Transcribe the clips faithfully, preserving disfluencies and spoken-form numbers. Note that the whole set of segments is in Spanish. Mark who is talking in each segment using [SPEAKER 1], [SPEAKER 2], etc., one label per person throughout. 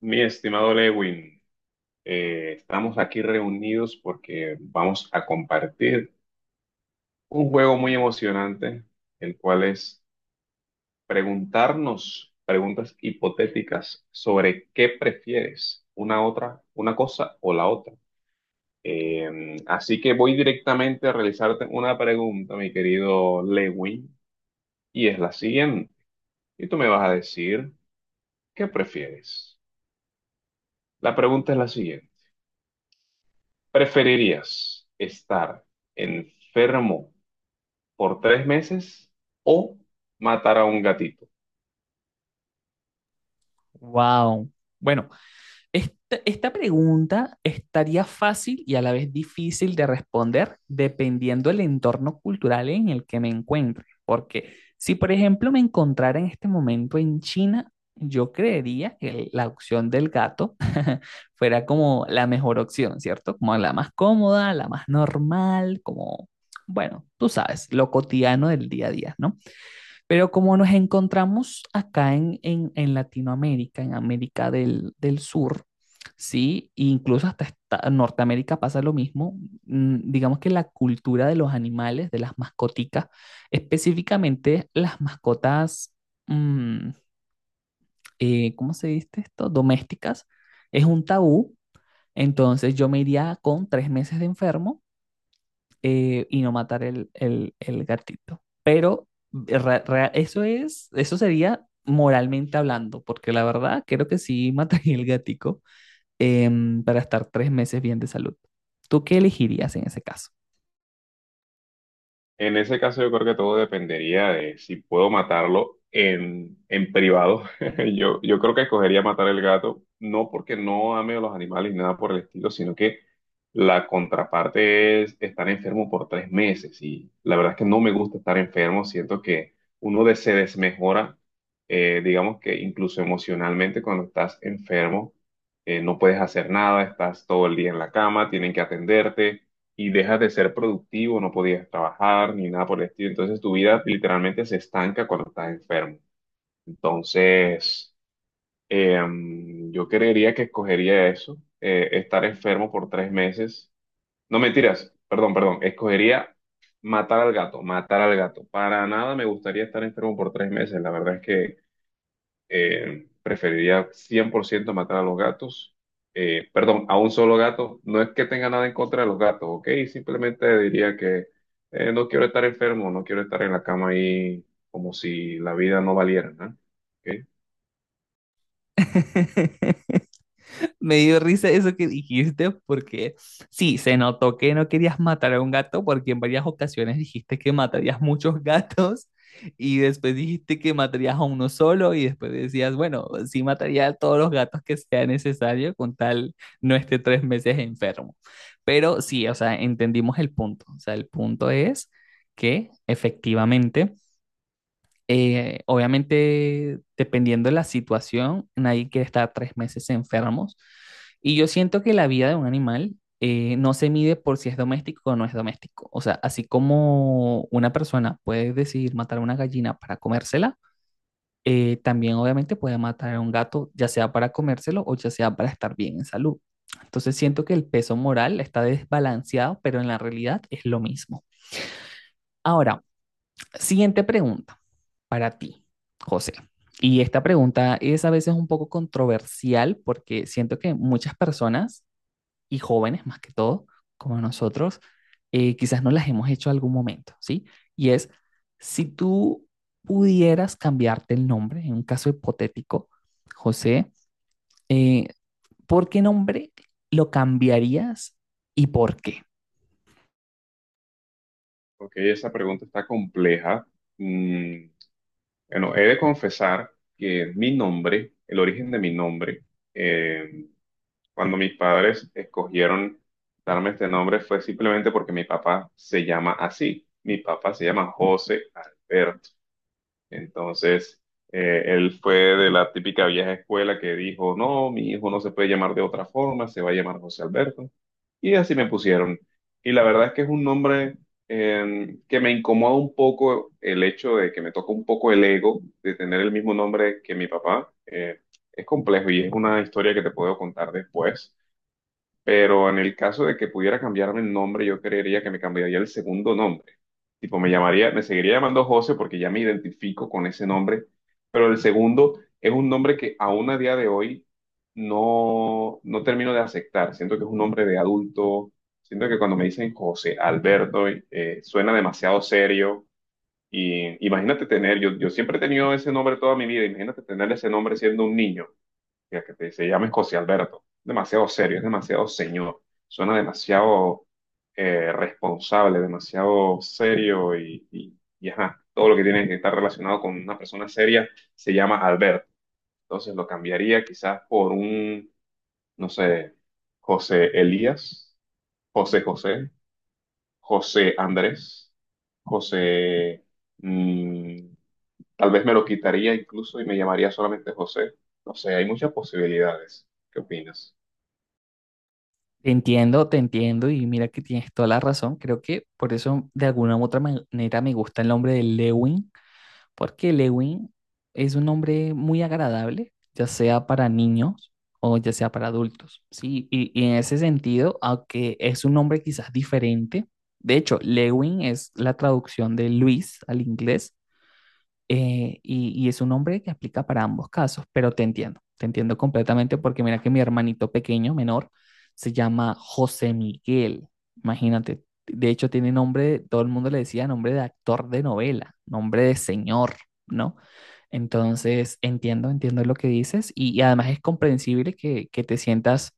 [SPEAKER 1] Mi estimado Lewin, eh, estamos aquí reunidos porque vamos a compartir un juego muy emocionante, el cual es preguntarnos preguntas hipotéticas sobre qué prefieres, una otra, una cosa o la otra. Eh, así que voy directamente a realizarte una pregunta, mi querido Lewin, y es la siguiente. Y tú me vas a decir, ¿qué prefieres? La pregunta es la siguiente. ¿Preferirías estar enfermo por tres meses o matar a un gatito?
[SPEAKER 2] Wow. Bueno, esta, esta pregunta estaría fácil y a la vez difícil de responder dependiendo del entorno cultural en el que me encuentre. Porque si, por ejemplo, me encontrara en este momento en China, yo creería que el- la opción del gato fuera como la mejor opción, ¿cierto? Como la más cómoda, la más normal, como, bueno, tú sabes, lo cotidiano del día a día, ¿no? Pero como nos encontramos acá en, en, en Latinoamérica, en América del, del Sur, ¿sí? E incluso hasta esta- Norteamérica pasa lo mismo. mm, Digamos que la cultura de los animales, de las mascoticas, específicamente las mascotas, mm, eh, ¿cómo se dice esto? Domésticas, es un tabú. Entonces yo me iría con tres meses de enfermo eh, y no matar el, el, el gatito. Pero re- re- eso es, eso sería moralmente hablando, porque la verdad creo que sí mataría el gatico em, para estar tres meses bien de salud. ¿Tú qué elegirías en ese caso?
[SPEAKER 1] En ese caso yo creo que todo dependería de si puedo matarlo en, en privado. Yo, yo creo que escogería matar el gato, no porque no ame a los animales ni nada por el estilo, sino que la contraparte es estar enfermo por tres meses. Y la verdad es que no me gusta estar enfermo, siento que uno de- se desmejora, eh, digamos que incluso emocionalmente cuando estás enfermo, eh, no puedes hacer nada, estás todo el día en la cama, tienen que atenderte y dejas de ser productivo, no podías trabajar ni nada por el estilo. Entonces tu vida literalmente se estanca cuando estás enfermo. Entonces, em, yo creería que escogería eso, eh, estar enfermo por tres meses. No mentiras, perdón, perdón, escogería matar al gato, matar al gato. Para nada me gustaría estar enfermo por tres meses. La verdad es que eh, preferiría cien por ciento matar a los gatos. Eh, perdón, a un solo gato. No es que tenga nada en contra de los gatos, ¿ok? Simplemente diría que eh, no quiero estar enfermo, no quiero estar en la cama ahí como si la vida no valiera, ¿no? ¿Ok?
[SPEAKER 2] Me dio risa eso que dijiste porque sí, se notó que no querías matar a un gato porque en varias ocasiones dijiste que matarías muchos gatos y después dijiste que matarías a uno solo y después decías, bueno, sí mataría a todos los gatos que sea necesario con tal no esté tres meses enfermo. Pero sí, o sea, entendimos el punto. O sea, el punto es que efectivamente eh, obviamente, dependiendo de la situación, nadie quiere estar tres meses enfermos. Y yo siento que la vida de un animal eh, no se mide por si es doméstico o no es doméstico. O sea, así como una persona puede decidir matar a una gallina para comérsela, eh, también obviamente puede matar a un gato, ya sea para comérselo o ya sea para estar bien en salud. Entonces siento que el peso moral está desbalanceado, pero en la realidad es lo mismo. Ahora, siguiente pregunta para ti, José. Y esta pregunta es a veces un poco controversial porque siento que muchas personas, y jóvenes más que todo, como nosotros, eh, quizás no las hemos hecho en algún momento, ¿sí? Y es, si tú pudieras cambiarte el nombre, en un caso hipotético, José, eh, ¿por qué nombre lo cambiarías y por qué?
[SPEAKER 1] Ok, esa pregunta está compleja. Mm, bueno, he de confesar que mi nombre, el origen de mi nombre, eh, cuando mis padres escogieron darme este nombre fue simplemente porque mi papá se llama así. Mi papá se llama José Alberto. Entonces, eh, él fue de la típica vieja escuela que dijo, no, mi hijo no se puede llamar de otra forma, se va a llamar José Alberto. Y así me pusieron. Y la verdad es que es un nombre eh, que me incomoda un poco el hecho de que me toca un poco el ego de tener el mismo nombre que mi papá. Eh, es complejo y es una historia que te puedo contar después. Pero en el caso de que pudiera cambiarme el nombre, yo creería que me cambiaría el segundo nombre. Tipo, me llamaría, me seguiría llamando José porque ya me identifico con ese nombre, pero el segundo es un nombre que aún a día de hoy no, no termino de aceptar. Siento que es un nombre de adulto, siento que cuando me dicen José Alberto, eh, suena demasiado serio. Y imagínate tener, yo, yo siempre he tenido ese nombre toda mi vida, imagínate tener ese nombre siendo un niño. Mira, que te- se llama José Alberto. Demasiado serio, es demasiado señor. Suena demasiado eh, responsable, demasiado serio y, y, y ajá, todo lo que tiene que estar relacionado con una persona seria se llama Alberto. Entonces lo cambiaría quizás por un, no sé, José Elías, José José, José Andrés, José... mm, Tal vez me lo quitaría incluso y me llamaría solamente José. No sé, hay muchas posibilidades. ¿Qué opinas?
[SPEAKER 2] Te entiendo, te entiendo y mira que tienes toda la razón. Creo que por eso de alguna u otra manera me gusta el nombre de Lewin, porque Lewin es un nombre muy agradable, ya sea para niños o ya sea para adultos. Sí, y, y en ese sentido, aunque es un nombre quizás diferente, de hecho, Lewin es la traducción de Luis al inglés eh, y, y es un nombre que aplica para ambos casos, pero te entiendo, te entiendo completamente porque mira que mi hermanito pequeño, menor, se llama José Miguel, imagínate, de hecho tiene nombre, todo el mundo le decía nombre de actor de novela, nombre de señor, ¿no? Entonces, entiendo, entiendo lo que dices y, y además es comprensible que, que te sientas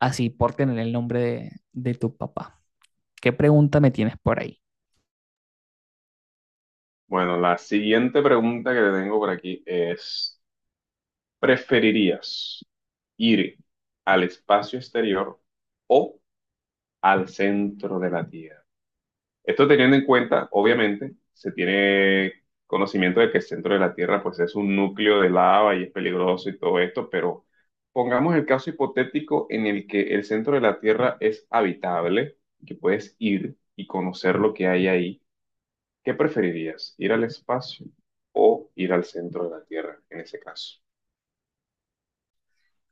[SPEAKER 2] así por tener el nombre de, de tu papá. ¿Qué pregunta me tienes por ahí?
[SPEAKER 1] Bueno, la siguiente pregunta que te tengo por aquí es, ¿preferirías ir al espacio exterior o al centro de la Tierra? Esto teniendo en cuenta, obviamente, se tiene conocimiento de que el centro de la Tierra pues es un núcleo de lava y es peligroso y todo esto, pero pongamos el caso hipotético en el que el centro de la Tierra es habitable, que puedes ir y conocer lo que hay ahí. ¿Qué preferirías? ¿Ir al espacio o ir al centro de la Tierra en ese caso?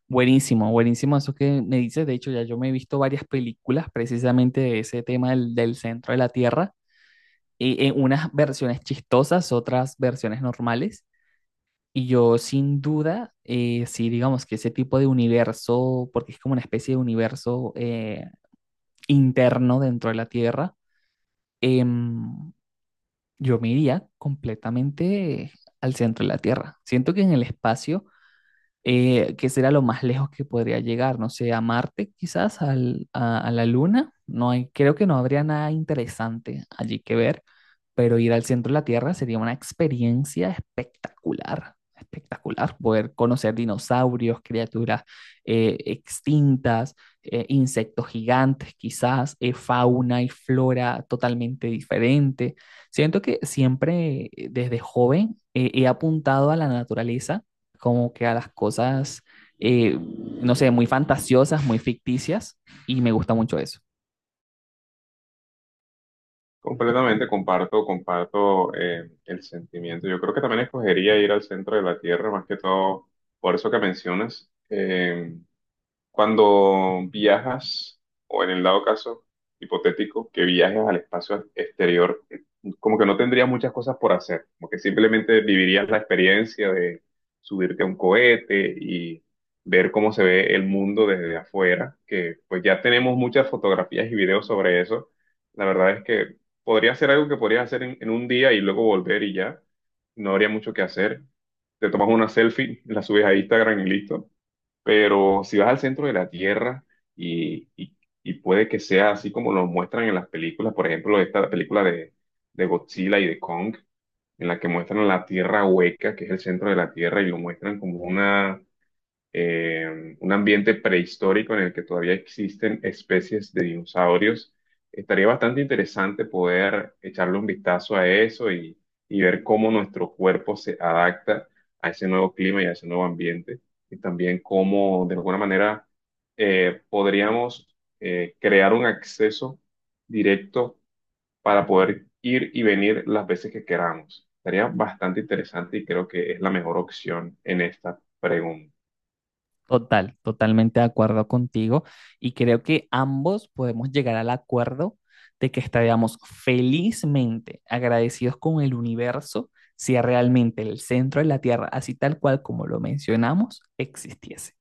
[SPEAKER 2] Buenísimo, buenísimo eso que me dices. De hecho, ya yo me he visto varias películas precisamente de ese tema del, del centro de la Tierra, y en unas versiones chistosas, otras versiones normales. Y yo sin duda, eh, sí, digamos que ese tipo de universo, porque es como una especie de universo eh, interno dentro de la Tierra, em, yo me iría completamente al centro de la Tierra. Siento que en el espacio eh, que será lo más lejos que podría llegar, no sé, a Marte quizás, al- a, a la Luna. No hay, creo que no habría nada interesante allí que ver, pero ir al centro de la Tierra sería una experiencia espectacular, espectacular, poder conocer dinosaurios, criaturas eh, extintas, eh, insectos gigantes quizás, eh, fauna y flora totalmente diferente. Siento que siempre eh, desde joven eh, he apuntado a la naturaleza como que a las cosas, eh, no sé, muy fantasiosas, muy ficticias, y me gusta mucho eso.
[SPEAKER 1] Completamente comparto, comparto eh, el sentimiento. Yo creo que también escogería ir al centro de la Tierra, más que todo por eso que mencionas. Eh, Cuando viajas, o en el dado caso hipotético, que viajes al espacio exterior, como que no tendrías muchas cosas por hacer, como que simplemente vivirías la experiencia de subirte a un cohete y ver cómo se ve el mundo desde afuera, que pues ya tenemos muchas fotografías y videos sobre eso. La verdad es que podría ser algo que podrías hacer en, en un día y luego volver y ya, no habría mucho que hacer. Te tomas una selfie, la subes a Instagram y listo. Pero si vas al centro de la Tierra y, y- y puede que sea así como lo muestran en las películas, por ejemplo, esta película de, de Godzilla y de Kong, en la que muestran la Tierra hueca, que es el centro de la Tierra, y lo muestran como una eh, un ambiente prehistórico en el que todavía existen especies de dinosaurios. Estaría bastante interesante poder echarle un vistazo a eso y, y ver cómo nuestro cuerpo se adapta a ese nuevo clima y a ese nuevo ambiente. Y también cómo, de alguna manera, eh, podríamos eh, crear un acceso directo para poder ir y venir las veces que queramos. Estaría bastante interesante y creo que es la mejor opción en esta pregunta.
[SPEAKER 2] Total, totalmente de acuerdo contigo, y creo que ambos podemos llegar al acuerdo de que estaríamos felizmente agradecidos con el universo si realmente el centro de la Tierra, así tal cual como lo mencionamos, existiese.